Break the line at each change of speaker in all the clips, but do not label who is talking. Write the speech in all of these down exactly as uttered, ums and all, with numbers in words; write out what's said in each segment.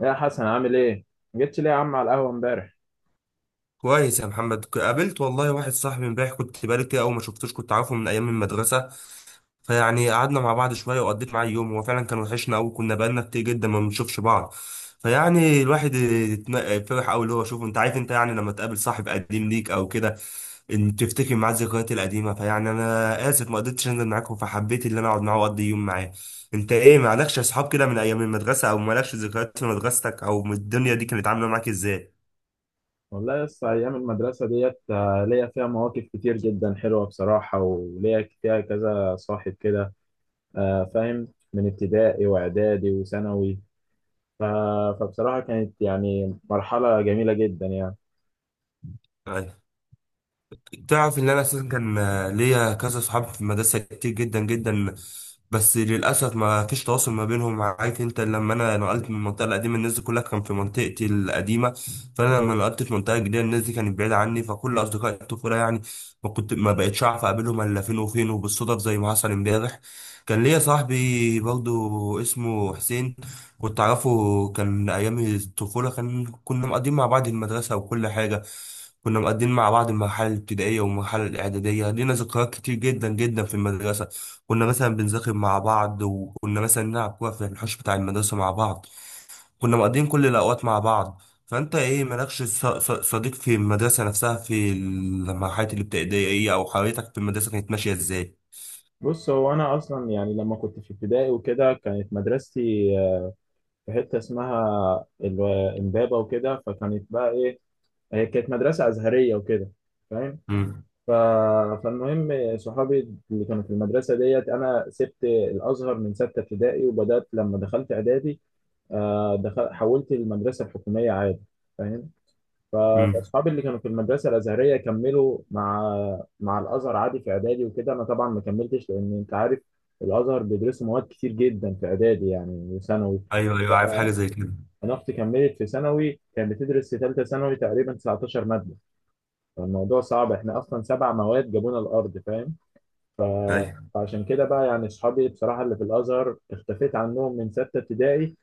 يا حسن عامل ايه؟ ما جيتش ليه يا عم على القهوة امبارح؟
كويس يا محمد. ك- قابلت والله واحد صاحبي امبارح، كنت بقالي كتير قوي ما شفتوش، كنت عارفه من ايام المدرسه. فيعني قعدنا مع بعض شويه وقضيت معاه يوم، هو فعلا كان وحشنا قوي، كنا بقالنا كتير جدا ما بنشوفش بعض. فيعني الواحد اتم- فرح قوي اللي هو شوفه، انت عارف انت، يعني لما تقابل صاحب قديم ليك او كده ان تفتكر معاه الذكريات القديمه. فيعني انا اسف ما قدرتش انزل معاكم، فحبيت ان انا اقعد معاه واقضي يوم معاه. انت ايه، مالكش اصحاب كده من ايام المدرسه؟ او مالكش ذكريات في مدرستك؟ او من الدنيا دي كانت عامله معاك ازاي؟
والله لسه أيام المدرسة ديت آه، ليا فيها مواقف كتير جدا حلوة بصراحة، وليا فيها كذا صاحب كده. آه، فاهم. من ابتدائي وإعدادي وثانوي. ف- فبصراحة كانت يعني مرحلة جميلة جدا يعني.
طيب. تعرف ان انا اساسا كان، آه، ليا كذا صحاب في المدرسه كتير جدا جدا، بس للاسف ما فيش تواصل ما بينهم. عارف انت لما انا نقلت من المنطقه القديمه، الناس دي كلها كان في منطقتي القديمه، فانا لما نقلت في منطقه جديده الناس دي كانت بعيده عني، فكل اصدقاء الطفوله يعني ما كنت، ما بقتش اعرف اقابلهم الا فين وفين، وبالصدف زي ما حصل امبارح. كان ليا صاحبي برضو اسمه حسين، كنت أعرفه، كان من أيام الطفولة، كان كنا مقضيين مع بعض المدرسة وكل حاجة. كنا مقضيين مع بعض المرحلة الابتدائية والمرحلة الإعدادية، لينا ذكريات كتير جدا جدا في المدرسة. كنا مثلا بنذاكر مع بعض، وكنا مثلا نلعب كورة في الحوش بتاع المدرسة مع بعض. كنا مقضيين كل الأوقات مع بعض. فأنت إيه، مالكش ص- ص- صديق في المدرسة نفسها في المرحلة الابتدائية؟ أو حياتك في المدرسة كانت ماشية إزاي؟
بص، هو أنا أصلا يعني لما كنت في ابتدائي وكده كانت مدرستي، آه، في حتة اسمها الو- إمبابة وكده، فكانت بقى إيه، هي كانت مدرسة أزهرية وكده. فاهم؟
امم،
ف... فالمهم صحابي اللي كانوا في المدرسة ديت، أنا سبت الأزهر من ستة ابتدائي وبدأت لما دخلت إعدادي. آه، دخل... حولت المدرسة الحكومية عادي. فاهم. ف-
امم.
فأصحابي اللي كانوا في المدرسة الأزهرية كملوا مع مع الأزهر عادي في إعدادي وكده. أنا طبعا ما كملتش، لأن أنت عارف الأزهر بيدرسوا مواد كتير جدا في إعدادي يعني وثانوي.
أيوه، أيوه، عارف حاجة زي كده.
أنا أختي كملت في ثانوي، كانت بتدرس في ثالثة ثانوي تقريبا تسعتاشر مادة. فالموضوع صعب، إحنا أصلا سبع مواد جابونا الأرض. فاهم.
أيوه.
فعشان كده بقى يعني اصحابي بصراحه اللي في الازهر اختفيت عنهم من سته ابتدائي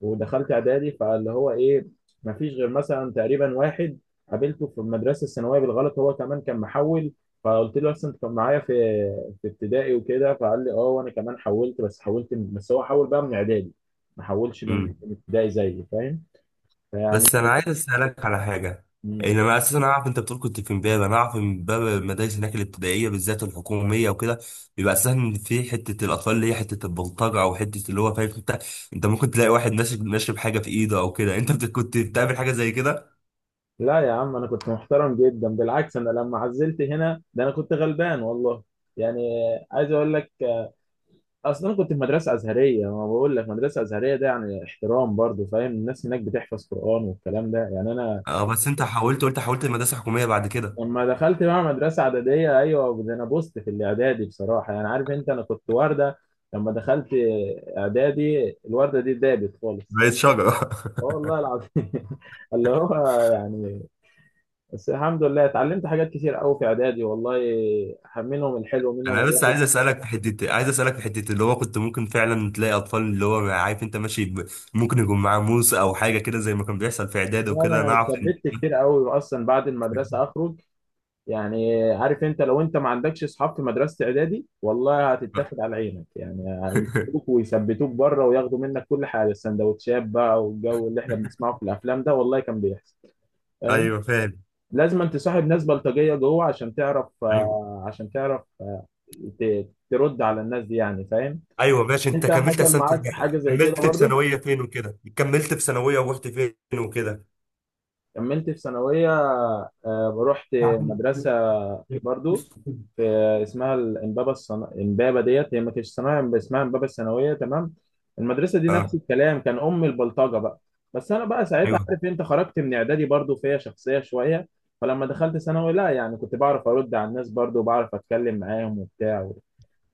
ودخلت اعدادي. فاللي هو ايه، مفيش غير مثلا تقريبا واحد قابلته في المدرسه الثانويه بالغلط، هو كمان كان محول. فقلت له اصلا انت كان معايا في في ابتدائي وكده، فقال لي اه وانا كمان حولت، بس حولت من- بس هو حول بقى من اعدادي، ما حولش من
مم.
من ابتدائي زيي. فاهم. فيعني
بس انا عايز اسالك على حاجه.
مم.
ان انا اساسا اعرف انت بتقول كنت في امبابه، انا اعرف ان امبابه المدارس هناك الابتدائيه بالذات الحكوميه وكده بيبقى اساسا في حته الاطفال اللي هي حته البلطجه، او حته اللي هو فاهم انت. انت ممكن تلاقي واحد ناشب، ناشب حاجه في ايده او كده، انت بت- كنت بتعمل حاجه زي كده؟
لا يا عم، انا كنت محترم جدا، بالعكس. انا لما عزلت هنا ده انا كنت غلبان والله يعني. عايز اقول لك، اصل انا كنت في مدرسه ازهريه، ما بقول لك مدرسه ازهريه ده يعني احترام برضو. فاهم، الناس هناك بتحفظ قران والكلام ده يعني. انا
اه بس انت حاولت، قلت حاولت المدرسه الحكوميه بعد كده؟
لما دخلت بقى مدرسه اعداديه، ايوه ده انا بوست في الاعدادي بصراحه يعني. عارف انت انا كنت ورده، لما دخلت اعدادي الورده دي دابت خالص.
بقيت شجره
اه والله العظيم اللي هو يعني بس الحمد لله اتعلمت حاجات كتير قوي في اعدادي والله، منهم الحلو منهم
انا بس عايز
الوحش.
اسالك في حته، عايز اسالك في حته اللي هو كنت ممكن فعلا تلاقي اطفال اللي هو عارف انت ماشي، ب- ممكن يكون معاه موس او حاجه كده زي ما كان بيحصل في اعداد وكده،
انا
انا اعرف.
اتثبت كتير قوي اصلا بعد المدرسه اخرج يعني. عارف انت، لو انت ما عندكش اصحاب في مدرسه اعدادي والله هتتاخد على عينك يعني، هيمسكوك ويثبتوك بره وياخدوا منك كل حاجه، السندوتشات بقى والجو اللي احنا بنسمعه في الافلام ده والله كان بيحصل. فاهم.
ايوه فاهم.
لازم انت تصاحب ناس بلطجيه جوه عشان تعرف،
ايوه،
آه، عشان تعرف ت- ترد على الناس دي يعني. فاهم.
ايوه ماشي. انت
انت
كملت
حصل
اصلا في
معاك
الجامعة؟
حاجه زي كده
كملت في
برضو؟
ثانويه فين وكده؟ كملت في ثانويه ورحت فين وكده؟
كملت في ثانوية، آه، رحت مدرسة برضو في، اسمها الإمبابة الصنا... إمبابة ديت هي ما كانتش صناعة، اسمها إمبابة الثانوية. تمام. المدرسة دي نفس الكلام، كان أم البلطجة بقى. بس أنا بقى ساعتها
ايوه،
عارف أنت خرجت من إعدادي برضو فيها شخصية شوية. فلما دخلت ثانوي، لا يعني كنت بعرف أرد على الناس برضو وبعرف أتكلم معاهم وبتاع.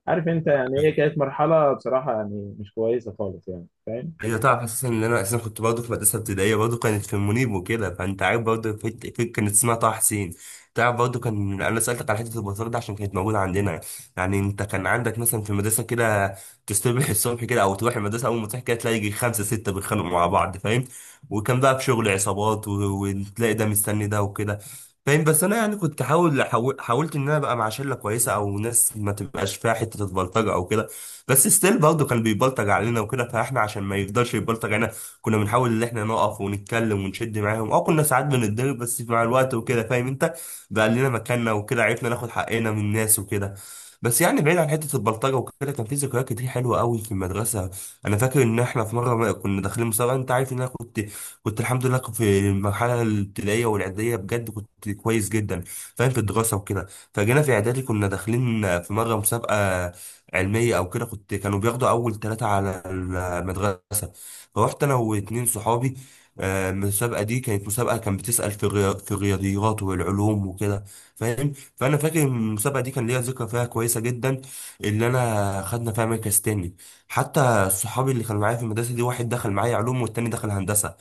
عارف أنت يعني إيه، كانت مرحلة بصراحة يعني مش كويسة خالص يعني. فاهم.
ايوه. تعرف اساسا ان انا اساسا كنت برضه في مدرسه ابتدائيه برضه كانت في المنيب وكده، فانت عارف برضه في... في... كانت اسمها طه حسين. تعرف برضه، كان انا سالتك على حته البطاطا ده عشان كانت موجوده عندنا. يعني انت كان عندك مثلا في المدرسه كده، تصبح الصبح كده او تروح المدرسه اول ما تصحى كده تلاقي يجي خمسه سته بيتخانقوا مع بعض، فاهم؟ وكان بقى في شغل عصابات و... وتلاقي ده مستني ده وكده، فاهم؟ بس انا يعني كنت حاول حاول- حاولت ان انا ابقى مع شله كويسه او ناس ما تبقاش فيها حته البلطجه او كده. بس ستيل برضه كان بيبلطج علينا وكده، فاحنا عشان ما يفضلش يبلطج علينا كنا بنحاول ان احنا نقف ونتكلم ونشد معاهم. اه كنا ساعات بنتضرب، بس مع الوقت وكده فاهم انت، بقى لنا مكاننا وكده، عرفنا ناخد حقنا من الناس وكده. بس يعني بعيد عن حته البلطجه وكده، كان في ذكريات كتير حلوه قوي في المدرسه. انا فاكر ان احنا في مره ما كنا داخلين مسابقه. انت عارف ان انا كنت كنت الحمد لله في المرحله الابتدائيه والاعداديه بجد كنت كويس جدا، فاهم، في الدراسه وكده. فجينا في اعدادي كنا داخلين في مره مسابقه علميه او كده، كنت كانوا بياخدوا اول ثلاثه على المدرسه. فروحت انا واتنين صحابي. آه، المسابقه دي كانت مسابقه كان بتسال في الريا- في الرياضيات والعلوم وكده، فاهم. فانا فاكر المسابقه دي كان ليا ذكرى فيها كويسه جدا اللي انا خدنا فيها مركز تاني. حتى صحابي اللي كانوا معايا في المدرسه دي، واحد دخل معايا علوم والتاني دخل هندسه،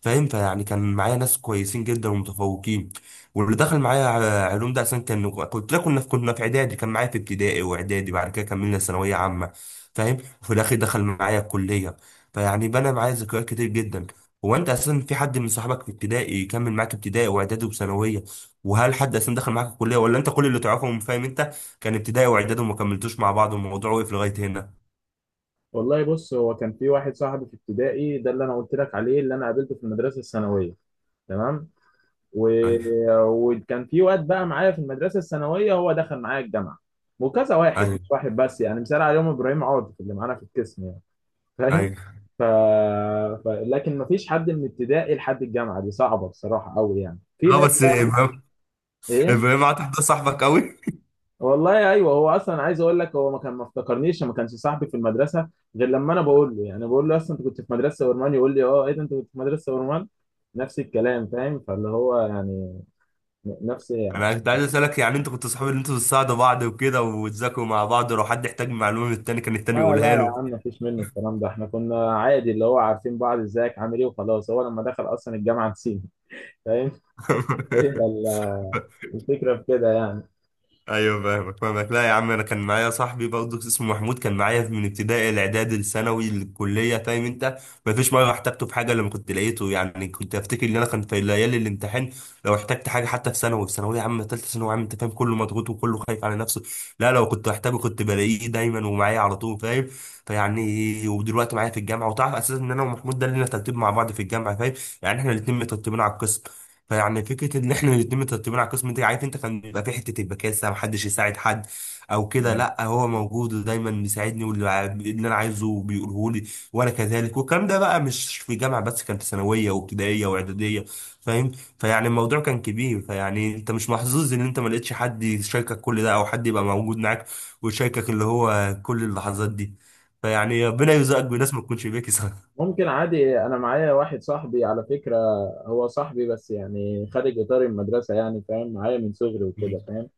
فاهم. فيعني كان معايا ناس كويسين جدا ومتفوقين. واللي دخل معايا ع- علوم ده عشان كان كنت، لا كنا في كنا في اعدادي، كان معايا في ابتدائي واعدادي، بعد كده كملنا ثانويه عامه، فاهم. وفي الاخر دخل معايا الكليه. فيعني بنى معايا ذكريات كتير جدا. هو انت اساسا في حد من صحابك في ابتدائي يكمل معاك ابتدائي واعدادي وثانويه؟ وهل حد اساسا دخل معاك الكليه؟ ولا انت كل اللي تعرفهم فاهم انت كان ابتدائي واعدادي وما كملتوش مع بعض والموضوع وقف لغايه هنا؟
والله بص، هو كان في واحد صاحبي في ابتدائي ده اللي انا قلت لك عليه، اللي انا قابلته في المدرسه الثانويه. تمام. و...
ايوه،
وكان في واد بقى معايا في المدرسه الثانويه هو دخل معايا الجامعه، وكذا واحد
ايوه،
مش واحد بس. يعني مثال عليهم ابراهيم عاطف اللي معانا في القسم يعني. فاهم.
ايوه.
ف... ف... لكن مفيش حد من ابتدائي لحد الجامعه، دي صعبه بصراحه قوي يعني، في
اه
ناس.
بس ابراهيم،
ايه.
ابراهيم عاد ده صاحبك قوي.
والله ايوه، هو اصلا عايز اقول لك، هو ما كان ما افتكرنيش، ما كانش صاحبي في المدرسه، غير لما انا بقول له يعني، بقول له اصلا انت كنت في مدرسه ورمان، يقول لي اه ايه ده انت كنت في مدرسه ورمان، نفس الكلام. فاهم. فاللي هو يعني ن- نفس يعني.
انا كنت عايز اسالك، يعني انتوا كنتوا صحاب ان انتوا بتساعدوا بعض وكده وتذاكروا مع بعض، ولو حد احتاج معلومه من التاني كان التاني
لا لا
يقولها
يا
له؟
عم، مفيش منه الكلام ده، احنا كنا عادي اللي هو عارفين بعض، ازيك عامل ايه، وخلاص. هو لما دخل اصلا الجامعه نسينا. فاهم. هي ال- الفكره في كده يعني.
ايوه فاهمك، فاهمك. لا يا عم، انا كان معايا صاحبي برضه اسمه محمود كان معايا من ابتدائي الاعدادي الثانوي الكليه، فاهم انت. ما فيش مره احتجته في حاجه لما كنت لقيته، يعني كنت افتكر ان انا كان في ليالي الامتحان لو احتجت حاجه، حتى في ثانوي، في ثانوي يا عم، ثالثه ثانوي يا عم، انت فاهم كله مضغوط وكله خايف على نفسه. لا لو كنت احتاجه كنت بلاقيه دايما ومعايا على طول، فاهم. فيعني ودلوقتي معايا في الجامعه. وتعرف اساسا ان انا ومحمود ده لنا ترتيب مع بعض في الجامعه، فاهم. يعني احنا الاثنين مترتبين على القسم. فيعني فكره ان احنا الاتنين مترتبين على القسم ده عارف انت، كان بيبقى في حته البكاسه محدش يساعد حد او كده، لا هو موجود ودايما بيساعدني واللي ع- اللي انا عايزه بيقوله لي وانا كذلك. والكلام ده بقى مش في جامعه بس، كان في ثانويه وابتدائيه واعداديه، فاهم. فيعني الموضوع كان كبير. فيعني انت مش محظوظ ان انت ما لقيتش حد يشاركك كل ده او حد يبقى موجود معاك ويشاركك اللي هو كل اللحظات دي. فيعني ربنا يرزقك بناس ما تكونش بيكي، صح؟
ممكن عادي، انا معايا واحد صاحبي على فكره، هو صاحبي بس يعني خارج اطار المدرسه يعني. فاهم، معايا من صغري وكده. فاهم.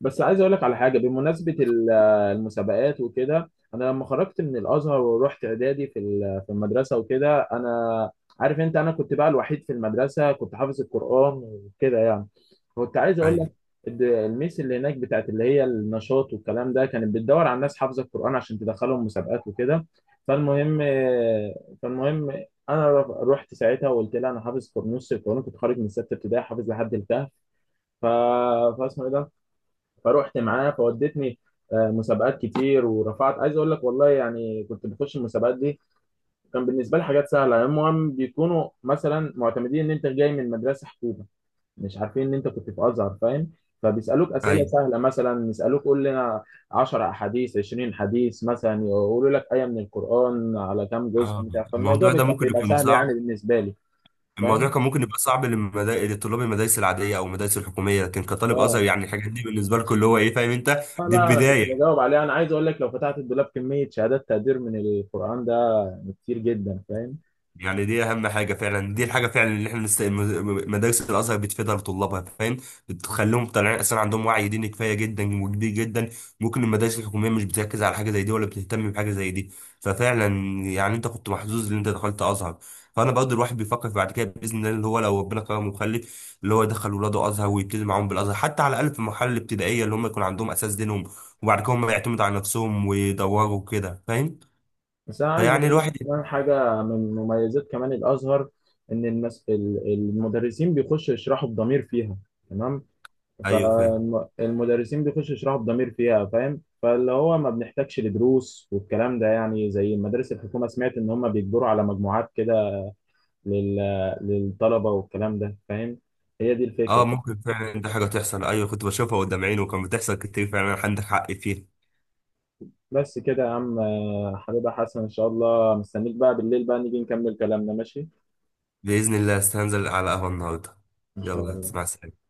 بس عايز اقول لك على حاجه بمناسبه ال- المسابقات وكده. انا لما خرجت من الازهر ورحت اعدادي في ال- في المدرسه وكده، انا عارف انت، انا كنت بقى الوحيد في المدرسه كنت حافظ القران وكده يعني. كنت عايز اقول لك،
ايوه،
الد- الميس اللي هناك بتاعت اللي هي النشاط والكلام ده كانت بتدور على ناس حافظه القران عشان تدخلهم مسابقات وكده. فالمهم فالمهم، انا ر- رحت ساعتها وقلت لها انا حافظ نص القران، كنت خارج من سته ابتدائي حافظ لحد الكهف. ف... فاسمه ايه ده، فروحت معاه فودتني آه، مسابقات كتير ورفعت. عايز اقول لك والله يعني، كنت بخش المسابقات دي كان بالنسبه لي حاجات سهله، المهم بيكونوا مثلا معتمدين ان انت جاي من مدرسه حكومه، مش عارفين ان انت كنت في ازهر. فاهم. فبيسالوك اسئله
ايوه.
سهله، مثلا يسالوك قول لنا عشرة احاديث، عشرين حديث، مثلا يقولوا لك ايه من القران على كام جزء
اه
بتاع. فالموضوع
الموضوع
بي-
ده
كان
ممكن
بيبقى
يكون
سهل يعني
صعب.
بالنسبه لي.
الموضوع
فاهم.
كان ممكن يبقى صعب للمدا... لطلاب المدارس العاديه او المدارس الحكوميه، لكن كطالب ازهر
اه
يعني الحاجات دي بالنسبه لكم اللي هو ايه فاهم انت،
آه
دي
لا انا كنت
البدايه.
بجاوب عليها. انا عايز اقول لك، لو فتحت الدولاب كميه شهادات تقدير من القران ده يعني كتير جدا. فاهم.
يعني دي اهم حاجه فعلا، دي الحاجه فعلا اللي احنا مست... م- مدارس الازهر بتفيدها لطلابها، فاهم. بتخليهم طالعين اصلا عندهم وعي ديني كفايه جدا وكبير جدا. ممكن المدارس الحكوميه مش بتركز على حاجه زي دي ولا بتهتم بحاجه زي دي. ففعلا، يعني انت كنت محظوظ ان انت دخلت ازهر. فانا برضه الواحد بيفكر في بعد كده باذن الله اللي هو لو ربنا كرمه وخلف اللي هو يدخل ولاده ازهر ويبتدي معاهم بالازهر حتى على الاقل في المرحله الابتدائيه، اللي هم يكون عندهم اساس دينهم وبعد كده هم يعتمدوا على نفسهم ويدوروا كده، فاهم.
بس انا عايز
فيعني
اقول لك
الواحد.
كمان حاجه من مميزات كمان الازهر، ان المس... ال- المدرسين بيخشوا يشرحوا بضمير فيها. تمام.
ايوه فاهم.
فالمدرسين بيخشوا يشرحوا بضمير فيها. فاهم. فاللي هو ما بنحتاجش لدروس والكلام ده يعني، زي مدارس الحكومه، سمعت ان هم بيجبروا على مجموعات كده لل... للطلبه والكلام ده. فاهم. هي دي الفكره.
اه ممكن فعلا دي حاجة تحصل، ايوه كنت بشوفها قدام عيني وكان بتحصل كتير فعلا، عندك حق فيها.
بس كده يا عم. آه، حبيبي يا حسن، ان شاء الله مستنيك بقى بالليل بقى نيجي نكمل كلامنا. ماشي.
بإذن الله استنزل على قهوة النهاردة.
إن شاء
يلا. مع
الله.
السلامة.